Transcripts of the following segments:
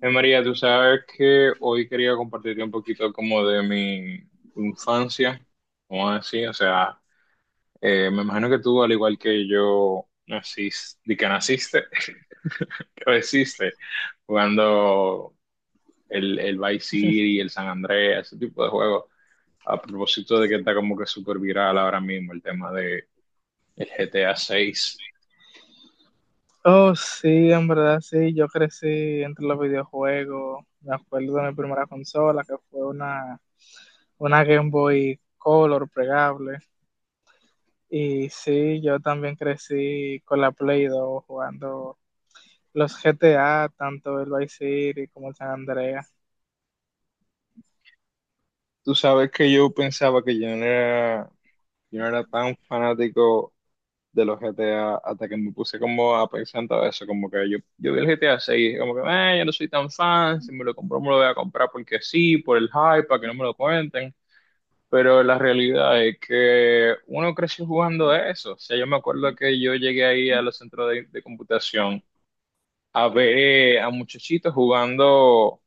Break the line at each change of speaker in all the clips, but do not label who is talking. María, tú sabes que hoy quería compartirte un poquito como de mi infancia, como así, o sea, me imagino que tú, al igual que yo, naciste, creciste jugando el Vice City, el San Andreas, ese tipo de juegos, a propósito de que está como que súper viral ahora mismo el tema de el GTA 6.
Oh, sí, en verdad, sí, yo crecí entre los videojuegos. Me acuerdo de mi primera consola, que fue una Game Boy Color plegable. Y sí, yo también crecí con la Play 2 jugando los GTA, tanto el Vice City como el San Andreas.
Tú sabes que yo pensaba que yo no era tan fanático de los GTA hasta que me puse como a pensar en todo eso, como que yo vi el GTA 6 como que, yo no soy tan fan, si me lo compro me lo voy a comprar porque sí, por el hype, para que no me lo cuenten, pero la realidad es que uno creció jugando a eso, o sea, yo me acuerdo que yo llegué ahí a los centros de computación a ver a muchachitos jugando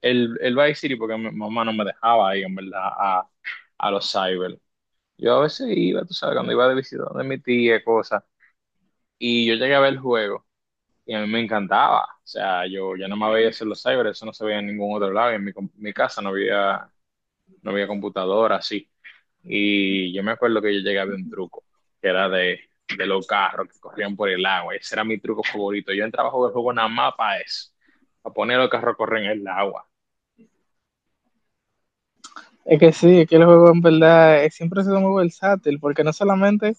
el Vice City porque mi mamá no me dejaba ahí, en verdad, a los cyber. Yo a veces iba, tú sabes, cuando iba de visita de mi tía, cosas. Y yo llegué a ver el juego y a mí me encantaba. O sea, yo no me veía hacer los cyber, eso no se veía en ningún otro lado. Y en mi, mi casa no había computadora así. Y yo me acuerdo que yo llegué a ver un truco, que era de los carros que corrían por el agua. Ese era mi truco favorito. Yo entraba a jugar el juego nada más para eso, a poner los carros a correr en el agua.
Es que sí, es que el juego en verdad siempre ha sido muy versátil, porque no solamente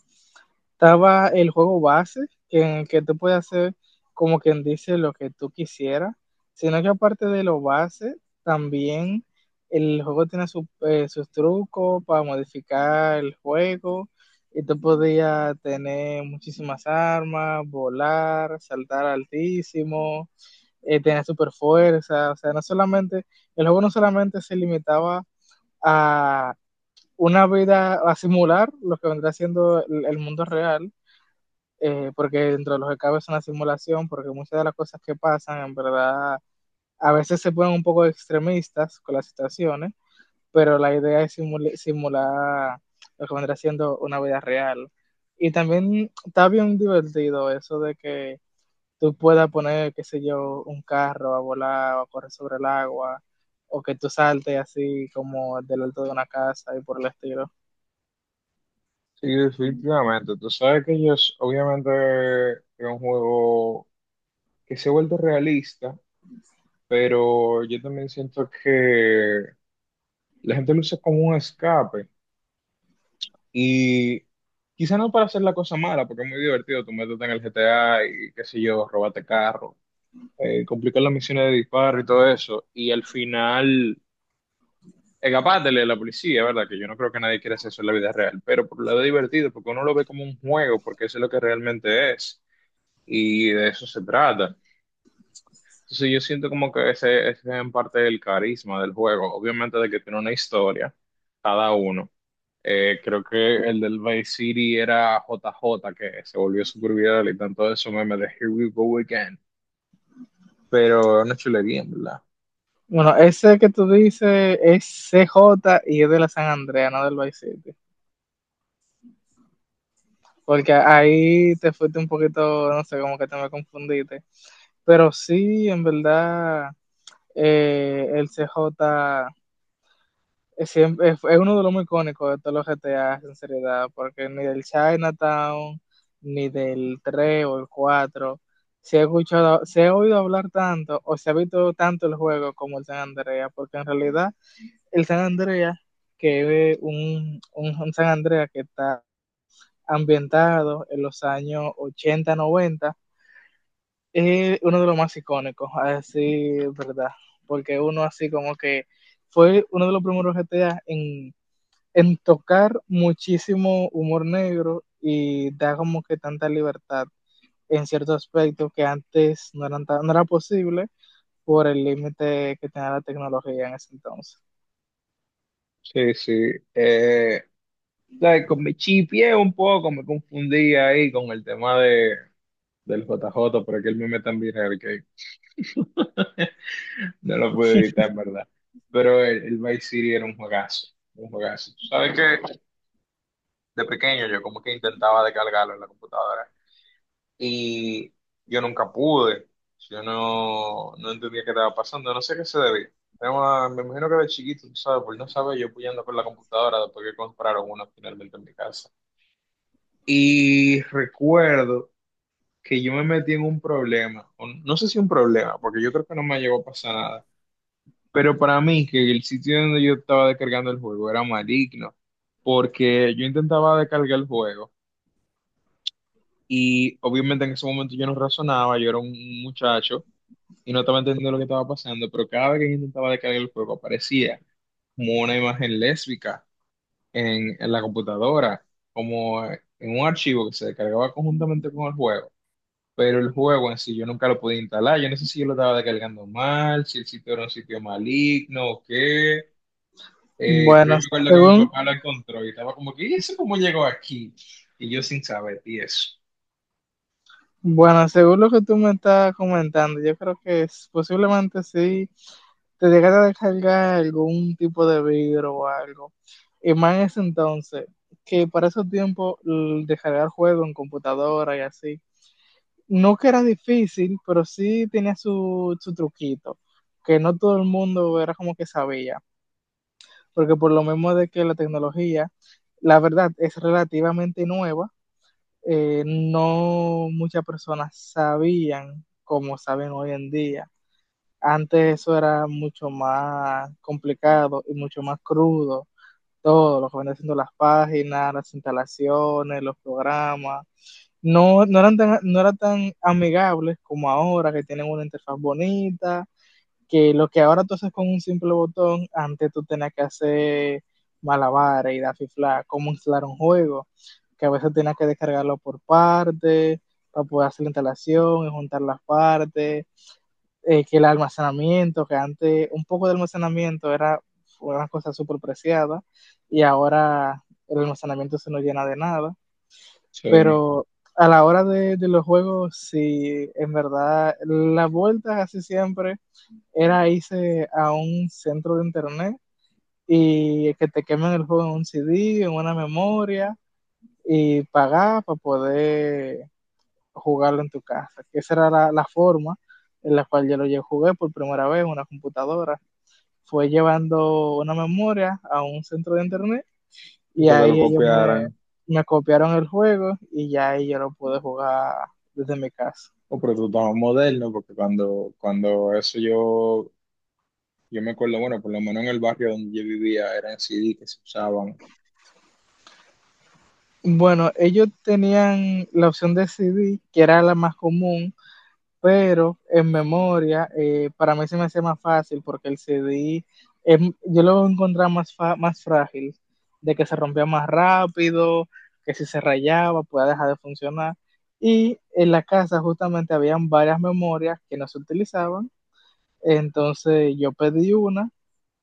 estaba el juego base, que, en el que tú puedes hacer, como quien dice, lo que tú quisieras, sino que aparte de lo base, también el juego tiene sus trucos para modificar el juego, y tú podías tener muchísimas armas, volar, saltar altísimo, tener super fuerza. O sea, no solamente, el juego no solamente se limitaba a una vida, a simular lo que vendrá siendo el mundo real, porque dentro de los que cabe es una simulación, porque muchas de las cosas que pasan, en verdad, a veces se ponen un poco extremistas con las situaciones, pero la idea es simular lo que vendrá siendo una vida real. Y también está bien divertido eso de que tú puedas poner, qué sé yo, un carro a volar o a correr sobre el agua, o que tú saltes así como del alto de una casa y por el estilo.
Sí, definitivamente. Tú sabes que ellos, obviamente, es un juego que se ha vuelto realista, pero yo también siento que la gente lo usa como un escape y quizá no para hacer la cosa mala, porque es muy divertido, tú métete en el GTA y qué sé yo, robarte carro, complicar las misiones de disparo y todo eso, y al final escapátele a la policía, ¿verdad? Que yo no creo que nadie quiera hacer eso en la vida real, pero por un lado es divertido, porque uno lo ve como un juego, porque eso es lo que realmente es, y de eso se trata. Entonces yo siento como que ese es en parte el carisma del juego, obviamente de que tiene una historia, cada uno. Creo que el del Vice City era J J que se volvió súper viral y tanto de eso meme de Here We Go Again. Pero es una chulería, ¿en verdad?
Bueno, ese que tú dices es C J y es de la San Andrea, no del Vice City. Porque ahí te fuiste un poquito, no sé, como que te me confundiste. Pero sí, en verdad, el CJ es uno de los muy icónicos de todos los GTA, sinceridad, porque ni del Chinatown, ni del 3 o el 4 se ha escuchado, se ha oído hablar tanto o se ha visto tanto el juego como el San Andrea, porque en realidad el San Andrea, que es un San Andrea que está ambientado en los años 80-90, es uno de los más icónicos, así, ¿verdad? Porque uno así como que fue uno de los primeros GTA en tocar muchísimo humor negro y da como que tanta libertad en ciertos aspectos que antes no era posible por el límite que tenía la tecnología en ese entonces.
Sí, sí. Eh, like, con mi chipié un poco, me confundí ahí con el tema de, del J J pero que el meme también era el que no lo pude evitar, ¿en verdad? Pero el Vice City era un juegazo, un juegazo. Tú sabes que de pequeño yo como que intentaba descargarlo en la computadora y yo nunca pude. Yo no entendía qué estaba pasando, no sé qué se debía. Me imagino que de chiquito, tú sabes, por no saber, yo puyando por la computadora después que compraron una finalmente en mi casa. Y recuerdo que yo me metí en un problema, o no sé si un problema, porque yo creo que no me llegó a pasar nada, pero para mí que el sitio donde yo estaba descargando el juego era maligno, porque yo intentaba descargar el juego y obviamente en ese momento yo no razonaba, yo era un muchacho y no estaba entendiendo lo que estaba pasando, pero cada vez que yo intentaba descargar el juego aparecía como una imagen lésbica en la computadora, como en un archivo que se descargaba conjuntamente con el juego. Pero el juego en sí yo nunca lo podía instalar, yo no sé si yo lo estaba descargando mal, si el sitio era un sitio maligno o qué. Pero yo
Bueno,
me acuerdo que mi
según
papá lo encontró y estaba como que, ¿y eso cómo llegó aquí? Y yo sin saber, y eso.
Bueno, según lo que tú me estás comentando, yo creo que posiblemente sí te llegara a descargar algún tipo de vidrio o algo. Y más en ese entonces, que para esos tiempos, descargar juegos en computadora y así, no que era difícil, pero sí tenía su truquito, que no todo el mundo era como que sabía, porque por lo mismo de que la tecnología, la verdad, es relativamente nueva. No muchas personas sabían como saben hoy en día. Antes eso era mucho más complicado y mucho más crudo. Todo lo que venía haciendo: las páginas, las instalaciones, los programas. No eran tan amigables como ahora, que tienen una interfaz bonita, que lo que ahora tú haces con un simple botón, antes tú tenías que hacer malabares y dafifla cómo instalar un juego, que a veces tenías que descargarlo por partes, para poder hacer la instalación y juntar las partes. Eh, que el almacenamiento, que antes un poco de almacenamiento era una cosa súper preciada y ahora el almacenamiento se nos llena de nada,
Sí, y
pero a la hora de los juegos, sí, en verdad, las vueltas casi siempre era irse a un centro de internet y que te quemen el juego en un CD, en una memoria, y pagar para poder jugarlo en tu casa. Esa era la forma en la cual yo lo jugué por primera vez en una computadora. Fue llevando una memoria a un centro de internet
que
y
te lo
ahí
copiaran.
me copiaron el juego y ya ahí yo lo pude jugar desde mi casa.
Oh, pero tú estabas moderno, porque cuando eso yo. Yo me acuerdo, bueno, por lo menos en el barrio donde yo vivía eran CD que se usaban.
Bueno, ellos tenían la opción de CD, que era la más común, pero en memoria, para mí se me hace más fácil, porque el CD yo lo encontraba más más frágil, de que se rompía más rápido, que si se rayaba podía dejar de funcionar. Y en la casa justamente habían varias memorias que no se utilizaban, entonces yo pedí una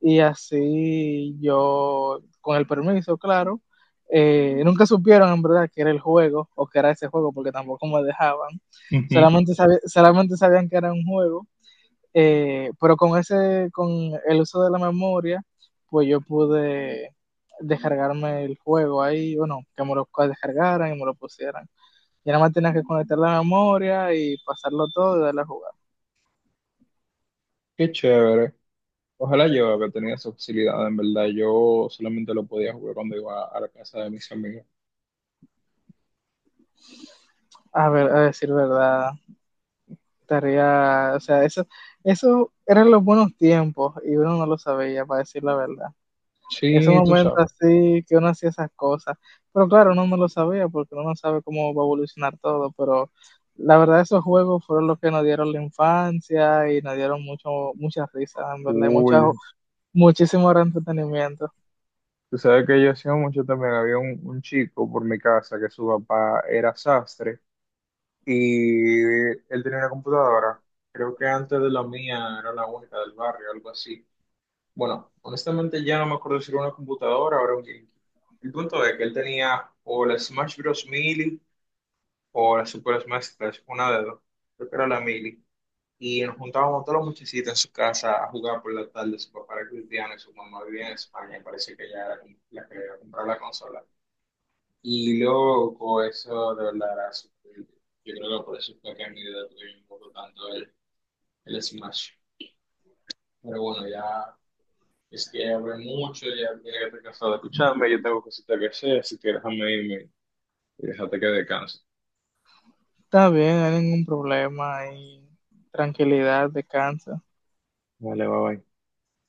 y así yo, con el permiso, claro, nunca supieron en verdad que era el juego o que era ese juego, porque tampoco me dejaban.
Ujú.
Solamente solamente sabían que era un juego, con el uso de la memoria, pues yo pude descargarme el juego ahí, bueno, que me lo descargaran y me lo pusieran. Y nada más tenía que conectar la memoria y pasarlo todo y darle a jugar.
Qué chévere. Ojalá yo haber tenido esa facilidad, en verdad. Yo solamente lo podía jugar cuando iba a la casa de mis amigos.
A ver, a decir verdad, tarea, o sea, eso eran los buenos tiempos y uno no lo sabía, para decir la verdad. Ese
Sí, tú
momento
sabes.
así que uno hacía esas cosas, pero claro, uno no lo sabía porque uno no sabe cómo va a evolucionar todo, pero la verdad esos juegos fueron los que nos dieron la infancia y nos dieron muchas risas, en verdad, y
Cool.
muchísimo entretenimiento.
Tú sabes que yo hacía mucho también. Había un chico por mi casa que su papá era sastre y él tenía una computadora. Creo que antes de la mía era la única del barrio, algo así. Bueno, honestamente ya no me acuerdo si era una computadora o era un GameCube. El punto es que él tenía o la Smash Bros. Melee o la Super Smash Bros. Una de dos. Creo que era la Melee. Y nos juntábamos todos los muchachitos en su casa a jugar por la tarde. Su papá era cristiano y su mamá vivía en España y parece que ella era la que iba a comprar la consola. Y luego eso de verdad era súper divertido. Yo creo que por eso fue que en mi vida tuve un poco tanto el Smash. Pero bueno, ya. Es que abre mucho, ya mira que te cansado de escucharme, yo tengo cositas que hacer, así que déjame irme y déjate que descanse.
Está bien, no hay ningún problema y tranquilidad, descansa.
Vale, bye bye.